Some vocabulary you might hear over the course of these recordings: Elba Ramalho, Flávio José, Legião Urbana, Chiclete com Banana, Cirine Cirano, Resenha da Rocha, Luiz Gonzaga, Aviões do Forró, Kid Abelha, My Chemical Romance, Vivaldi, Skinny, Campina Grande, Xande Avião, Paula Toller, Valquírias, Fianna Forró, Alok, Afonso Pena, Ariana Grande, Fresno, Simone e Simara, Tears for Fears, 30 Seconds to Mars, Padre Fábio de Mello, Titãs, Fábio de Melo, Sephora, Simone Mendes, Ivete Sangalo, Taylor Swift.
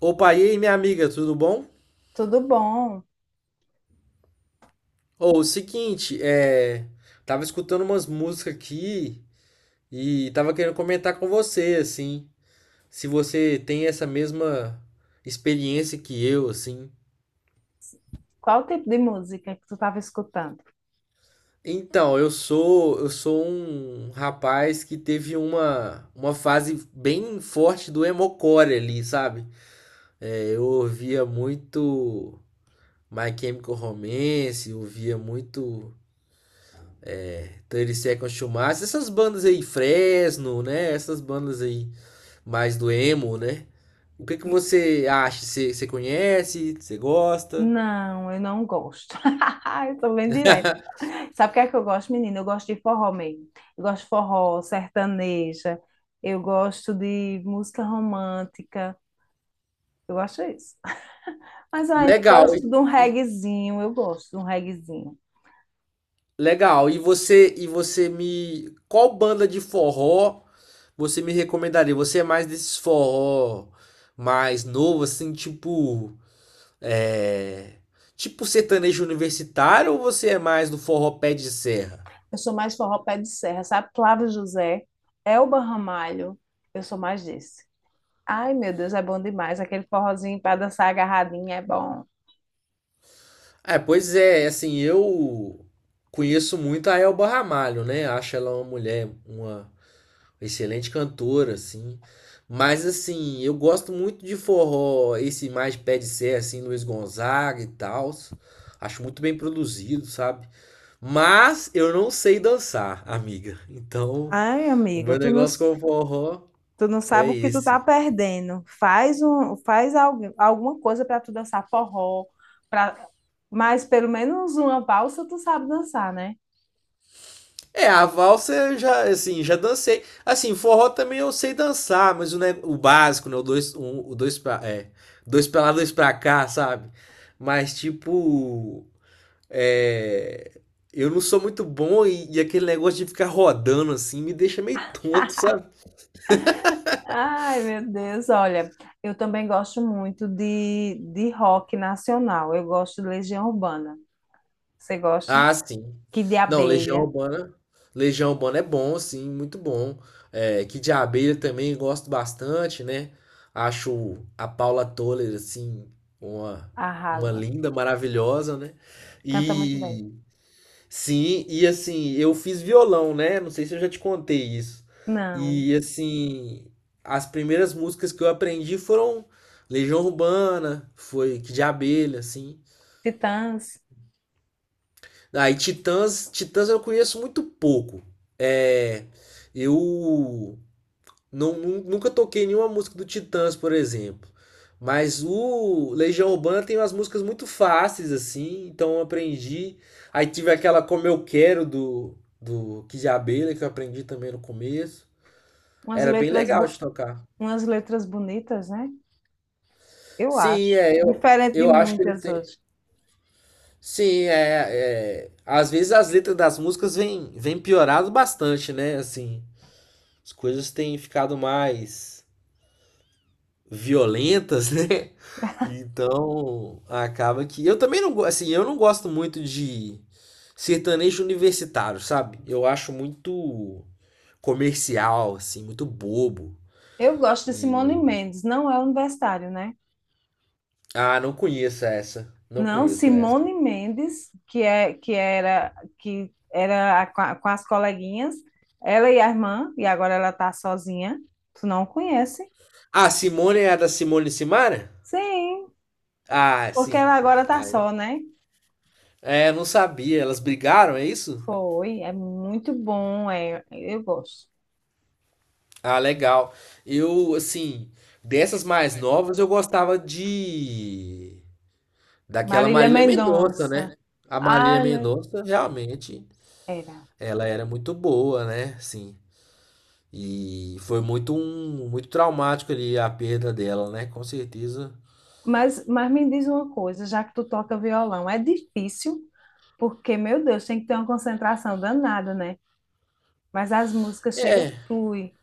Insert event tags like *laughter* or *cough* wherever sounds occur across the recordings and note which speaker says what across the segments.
Speaker 1: Opa, e aí, minha amiga, tudo bom?
Speaker 2: Tudo bom?
Speaker 1: Ô, o seguinte, Tava escutando umas músicas aqui e tava querendo comentar com você, assim, se você tem essa mesma experiência que eu, assim.
Speaker 2: Qual o tipo de música que tu estava escutando?
Speaker 1: Eu sou um rapaz que teve uma fase bem forte do emocore ali, sabe? Eu ouvia muito My Chemical Romance, eu ouvia muito 30 Seconds to Mars, essas bandas aí, Fresno, né? Essas bandas aí mais do emo, né? O que que você acha? Você conhece? Você gosta?
Speaker 2: Não, eu não gosto. *laughs* Eu sou bem direta. Sabe o que é que eu gosto, menina? Eu gosto de forró mesmo. Eu gosto de forró, sertaneja. Eu gosto de música romântica. Eu gosto disso. Mas eu ainda Não.
Speaker 1: Legal.
Speaker 2: gosto de um
Speaker 1: E-
Speaker 2: reguezinho, eu gosto de um reguezinho.
Speaker 1: legal. E você me qual banda de forró você me recomendaria? Você é mais desses forró mais novo assim, tipo é, tipo sertanejo universitário ou você é mais do forró pé de serra?
Speaker 2: Eu sou mais forró pé de serra, sabe? Flávio José, Elba Ramalho, eu sou mais desse. Ai, meu Deus, é bom demais. Aquele forrozinho para dançar agarradinho é bom.
Speaker 1: É, pois é, assim, eu conheço muito a Elba Ramalho, né? Acho ela uma mulher, uma excelente cantora, assim. Mas, assim, eu gosto muito de forró, esse mais pé de serra, assim, Luiz Gonzaga e tal. Acho muito bem produzido, sabe? Mas eu não sei dançar, amiga. Então,
Speaker 2: Ai,
Speaker 1: o
Speaker 2: amiga,
Speaker 1: meu
Speaker 2: tu não.
Speaker 1: negócio com o forró
Speaker 2: Tu não
Speaker 1: é
Speaker 2: sabe o que tu tá
Speaker 1: esse.
Speaker 2: perdendo. Faz alguma coisa para tu dançar forró, para mas pelo menos uma valsa tu sabe dançar, né?
Speaker 1: É, a valsa eu já, assim, já dancei. Assim, forró também eu sei dançar, mas o básico, né? O dois, um, o dois dois pra lá, dois pra cá, sabe? Mas, tipo, é, eu não sou muito bom e aquele negócio de ficar rodando, assim, me deixa meio tonto, sabe?
Speaker 2: Ai, meu Deus, olha, eu também gosto muito de rock nacional. Eu gosto de Legião Urbana. Você gosta?
Speaker 1: Ah, sim.
Speaker 2: Kid de
Speaker 1: Não, Legião
Speaker 2: Abelha,
Speaker 1: Urbana. Legião Urbana é bom, sim, muito bom. É, Kid Abelha também gosto bastante, né? Acho a Paula Toller, assim, uma, uma
Speaker 2: arrasa.
Speaker 1: linda, maravilhosa, né?
Speaker 2: Canta muito bem.
Speaker 1: E sim, e assim, eu fiz violão, né? Não sei se eu já te contei isso.
Speaker 2: Não,
Speaker 1: E assim, as primeiras músicas que eu aprendi foram Legião Urbana, foi Kid Abelha, assim.
Speaker 2: Titãs,
Speaker 1: Aí, Titãs, Titãs eu conheço muito pouco. É, eu nunca toquei nenhuma música do Titãs, por exemplo. Mas o Legião Urbana tem umas músicas muito fáceis, assim, então eu aprendi. Aí tive aquela Como Eu Quero do Kid Abelha, que eu aprendi também no começo.
Speaker 2: umas
Speaker 1: Era bem
Speaker 2: letras,
Speaker 1: legal
Speaker 2: bo-
Speaker 1: de tocar.
Speaker 2: umas letras bonitas, né? Eu
Speaker 1: Sim,
Speaker 2: acho.
Speaker 1: é,
Speaker 2: Diferente de
Speaker 1: eu acho que eles
Speaker 2: muitas
Speaker 1: têm.
Speaker 2: hoje.
Speaker 1: Sim, é, é. Às vezes as letras das músicas vêm piorado bastante, né? Assim. As coisas têm ficado mais violentas, *laughs* né? Então, acaba que eu também assim, eu não gosto muito de sertanejo universitário, sabe? Eu acho muito comercial, assim, muito bobo.
Speaker 2: Eu gosto de Simone
Speaker 1: E
Speaker 2: Mendes, não é universitário, né?
Speaker 1: ah, não conheço essa. Não
Speaker 2: Não,
Speaker 1: conheço essa.
Speaker 2: Simone Mendes, que é que era com as coleguinhas, ela e a irmã, e agora ela tá sozinha. Tu não conhece?
Speaker 1: Ah, Simone é a da Simone e Simara?
Speaker 2: Sim,
Speaker 1: Ah,
Speaker 2: porque
Speaker 1: sim,
Speaker 2: ela
Speaker 1: sim.
Speaker 2: agora tá
Speaker 1: Ah,
Speaker 2: só, né?
Speaker 1: é, não sabia. Elas brigaram, é isso?
Speaker 2: Foi, é muito bom, é, eu gosto.
Speaker 1: Ah, legal. Eu, assim, dessas mais novas eu gostava de daquela
Speaker 2: Marília
Speaker 1: Marília Mendonça,
Speaker 2: Mendonça.
Speaker 1: né? A Marília
Speaker 2: Ai, meu
Speaker 1: Mendonça realmente
Speaker 2: era.
Speaker 1: ela era muito boa, né? Sim. E foi muito muito traumático ali a perda dela, né? Com certeza.
Speaker 2: Mas, me diz uma coisa, já que tu toca violão, é difícil, porque, meu Deus, tem que ter uma concentração danada, né? Mas as músicas chegam,
Speaker 1: É,
Speaker 2: flui.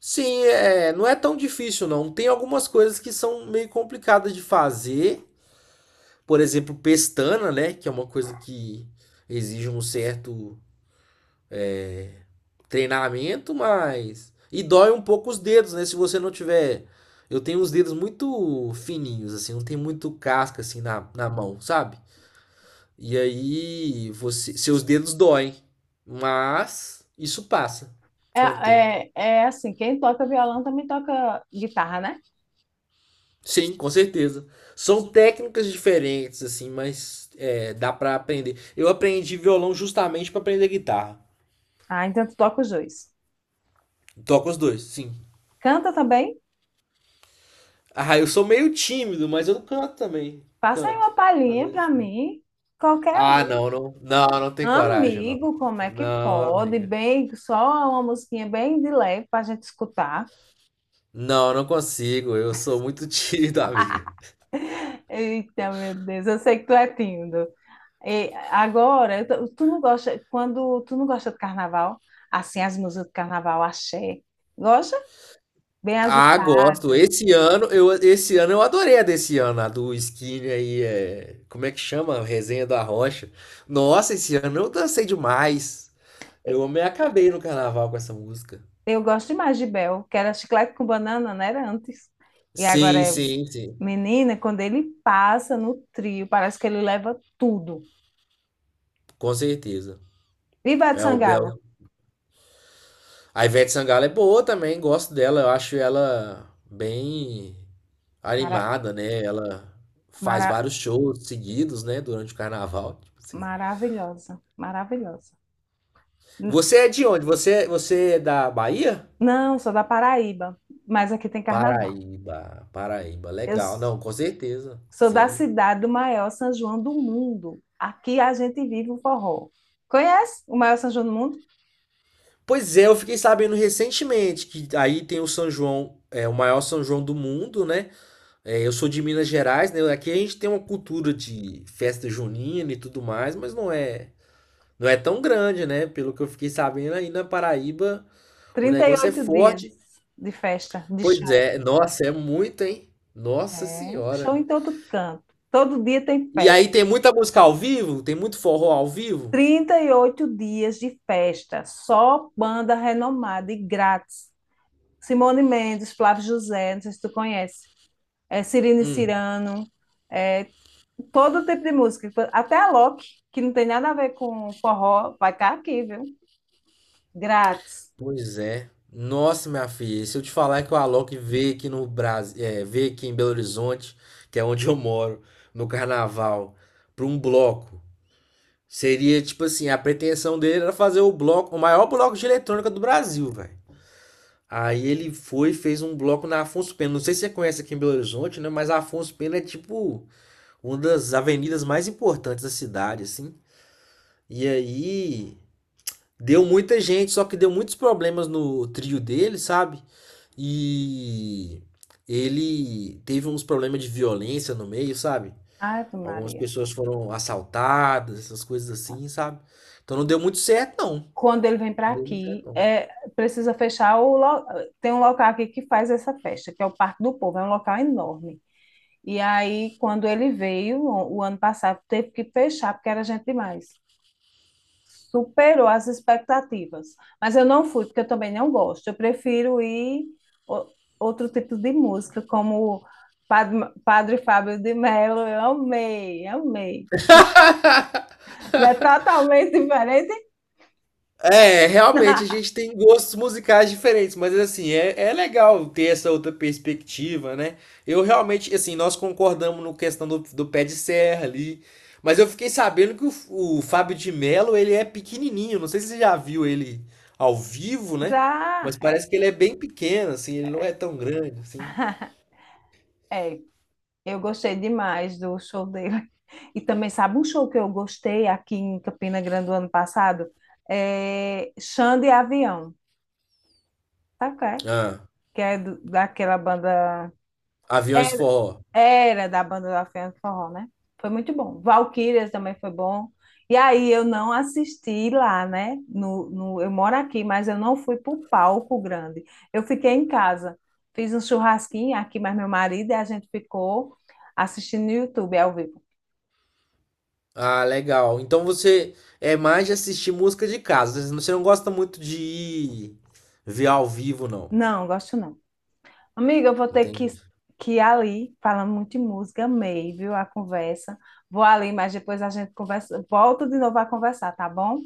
Speaker 1: sim, é, não é tão difícil não. Tem algumas coisas que são meio complicadas de fazer. Por exemplo, pestana, né? Que é uma coisa que exige um certo treinamento, mas. E dói um pouco os dedos, né? Se você não tiver. Eu tenho os dedos muito fininhos, assim, não tem muito casca assim na mão, sabe? E aí você, seus dedos doem, mas isso passa
Speaker 2: É,
Speaker 1: com o tempo.
Speaker 2: é assim, quem toca violão também toca guitarra, né?
Speaker 1: Sim, com certeza. São técnicas diferentes, assim, mas é, dá pra aprender. Eu aprendi violão justamente pra aprender guitarra.
Speaker 2: Ah, então tu toca os dois.
Speaker 1: Toco os dois, sim.
Speaker 2: Canta também?
Speaker 1: Ah, eu sou meio tímido, mas eu canto também.
Speaker 2: Passa aí
Speaker 1: Canto.
Speaker 2: uma
Speaker 1: Às
Speaker 2: palhinha
Speaker 1: vezes
Speaker 2: pra
Speaker 1: canto.
Speaker 2: mim. Qualquer
Speaker 1: Ah,
Speaker 2: um.
Speaker 1: não, tem coragem, não.
Speaker 2: Amigo, como é que
Speaker 1: Não,
Speaker 2: pode?
Speaker 1: amiga.
Speaker 2: Bem, só uma musiquinha bem de leve pra gente escutar.
Speaker 1: Não, não consigo. Eu sou muito *laughs* tímido, amiga.
Speaker 2: Eita, meu Deus, eu sei que tu é tímido. E agora, tu não gosta, quando tu não gosta de carnaval, assim, as músicas do carnaval, axé, gosta? Bem
Speaker 1: Ah, gosto.
Speaker 2: agitada.
Speaker 1: Esse ano, esse ano eu adorei a desse ano, a do Skinny aí, é, como é que chama? Resenha da Rocha. Nossa, esse ano eu dancei demais. Eu me acabei no carnaval com essa música.
Speaker 2: Eu gosto demais de Bel, que era chiclete com banana, né? Era antes. E agora
Speaker 1: Sim,
Speaker 2: é
Speaker 1: sim, sim.
Speaker 2: menina, quando ele passa no trio, parece que ele leva tudo.
Speaker 1: Com certeza.
Speaker 2: Viva de
Speaker 1: É o Bel.
Speaker 2: Sangalo!
Speaker 1: A Ivete Sangalo é boa também, gosto dela, eu acho ela bem
Speaker 2: Mara-
Speaker 1: animada, né? Ela faz
Speaker 2: mara-
Speaker 1: vários shows seguidos, né, durante o carnaval, tipo assim.
Speaker 2: maravilhosa, maravilhosa. N-
Speaker 1: Você é de onde? Você é da Bahia?
Speaker 2: Não, sou da Paraíba, mas aqui tem carnaval.
Speaker 1: Paraíba, Paraíba,
Speaker 2: Eu
Speaker 1: legal.
Speaker 2: s-
Speaker 1: Não, com certeza,
Speaker 2: Sou da
Speaker 1: sim.
Speaker 2: cidade do maior São João do mundo. Aqui a gente vive o forró. Conhece o maior São João do mundo?
Speaker 1: Pois é, eu fiquei sabendo recentemente que aí tem o São João, é o maior São João do mundo, né? É, eu sou de Minas Gerais, né? Aqui a gente tem uma cultura de festa junina e tudo mais, mas não é tão grande, né? Pelo que eu fiquei sabendo, aí na Paraíba o
Speaker 2: Trinta e
Speaker 1: negócio é
Speaker 2: oito dias
Speaker 1: forte.
Speaker 2: de festa, de
Speaker 1: Pois
Speaker 2: show.
Speaker 1: é, nossa, é muito, hein? Nossa
Speaker 2: É, show
Speaker 1: Senhora.
Speaker 2: em todo canto. Todo dia tem
Speaker 1: E
Speaker 2: festa.
Speaker 1: aí tem muita música ao vivo? Tem muito forró ao vivo?
Speaker 2: 38 dias de festa, só banda renomada e grátis. Simone Mendes, Flávio José, não sei se tu conhece, é, Cirine
Speaker 1: Hum,
Speaker 2: Cirano, é, todo tipo de música. Até a Loki, que não tem nada a ver com forró, vai estar aqui, viu? Grátis.
Speaker 1: pois é. Nossa, minha filha, se eu te falar que o Alok veio aqui no Brasil, é, veio aqui em Belo Horizonte, que é onde eu moro, no carnaval, para um bloco. Seria tipo assim, a pretensão dele era fazer o bloco, o maior bloco de eletrônica do Brasil, velho. Aí ele foi e fez um bloco na Afonso Pena. Não sei se você conhece aqui em Belo Horizonte, né? Mas a Afonso Pena é tipo uma das avenidas mais importantes da cidade, assim. E aí deu muita gente, só que deu muitos problemas no trio dele, sabe? E ele teve uns problemas de violência no meio, sabe?
Speaker 2: Ave
Speaker 1: Algumas
Speaker 2: Maria.
Speaker 1: pessoas foram assaltadas, essas coisas assim, sabe? Então não deu muito certo, não.
Speaker 2: Quando ele vem para
Speaker 1: Deu muito certo,
Speaker 2: aqui,
Speaker 1: não.
Speaker 2: é, precisa fechar Tem um local aqui que faz essa festa, que é o Parque do Povo, é um local enorme. E aí, quando ele veio, o ano passado, teve que fechar, porque era gente demais. Superou as expectativas. Mas eu não fui, porque eu também não gosto. Eu prefiro ir o- outro tipo de música, como Padre, Padre Fábio de Mello. Eu amei, amei.
Speaker 1: *laughs*
Speaker 2: Não é totalmente diferente?
Speaker 1: É, realmente a
Speaker 2: *laughs*
Speaker 1: gente tem gostos musicais diferentes, mas assim, é, é legal ter essa outra perspectiva, né? Eu realmente, assim, nós concordamos no questão do pé de serra ali, mas eu fiquei sabendo que o Fábio de Melo, ele é pequenininho, não sei se você já viu ele ao vivo, né?
Speaker 2: Já,
Speaker 1: Mas parece que ele é bem pequeno, assim, ele não é tão grande, assim.
Speaker 2: é. Eu gostei demais do show dele. E também, sabe um show que eu gostei aqui em Campina Grande do ano passado? É Xande Avião. Sabe qual é?
Speaker 1: Ah,
Speaker 2: Que é daquela banda.
Speaker 1: Aviões do
Speaker 2: Era,
Speaker 1: Forró.
Speaker 2: era da banda da Fianna Forró, né? Foi muito bom. Valquírias também foi bom. E aí eu não assisti lá, né? No, no, eu moro aqui, mas eu não fui para o palco grande. Eu fiquei em casa. Fiz um churrasquinho aqui, mas meu marido e a gente ficou assistindo no YouTube ao vivo.
Speaker 1: Ah, legal. Então você é mais de assistir música de casa, você não gosta muito de ir ver ao vivo, não.
Speaker 2: Não, gosto não. Amiga, eu vou ter
Speaker 1: Entendi.
Speaker 2: que ir ali, falando muito de música, amei, viu, a conversa. Vou ali, mas depois a gente conversa, volta de novo a conversar, tá bom?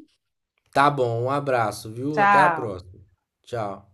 Speaker 1: Tá bom, um abraço, viu? Até a
Speaker 2: Tchau.
Speaker 1: próxima. Tchau.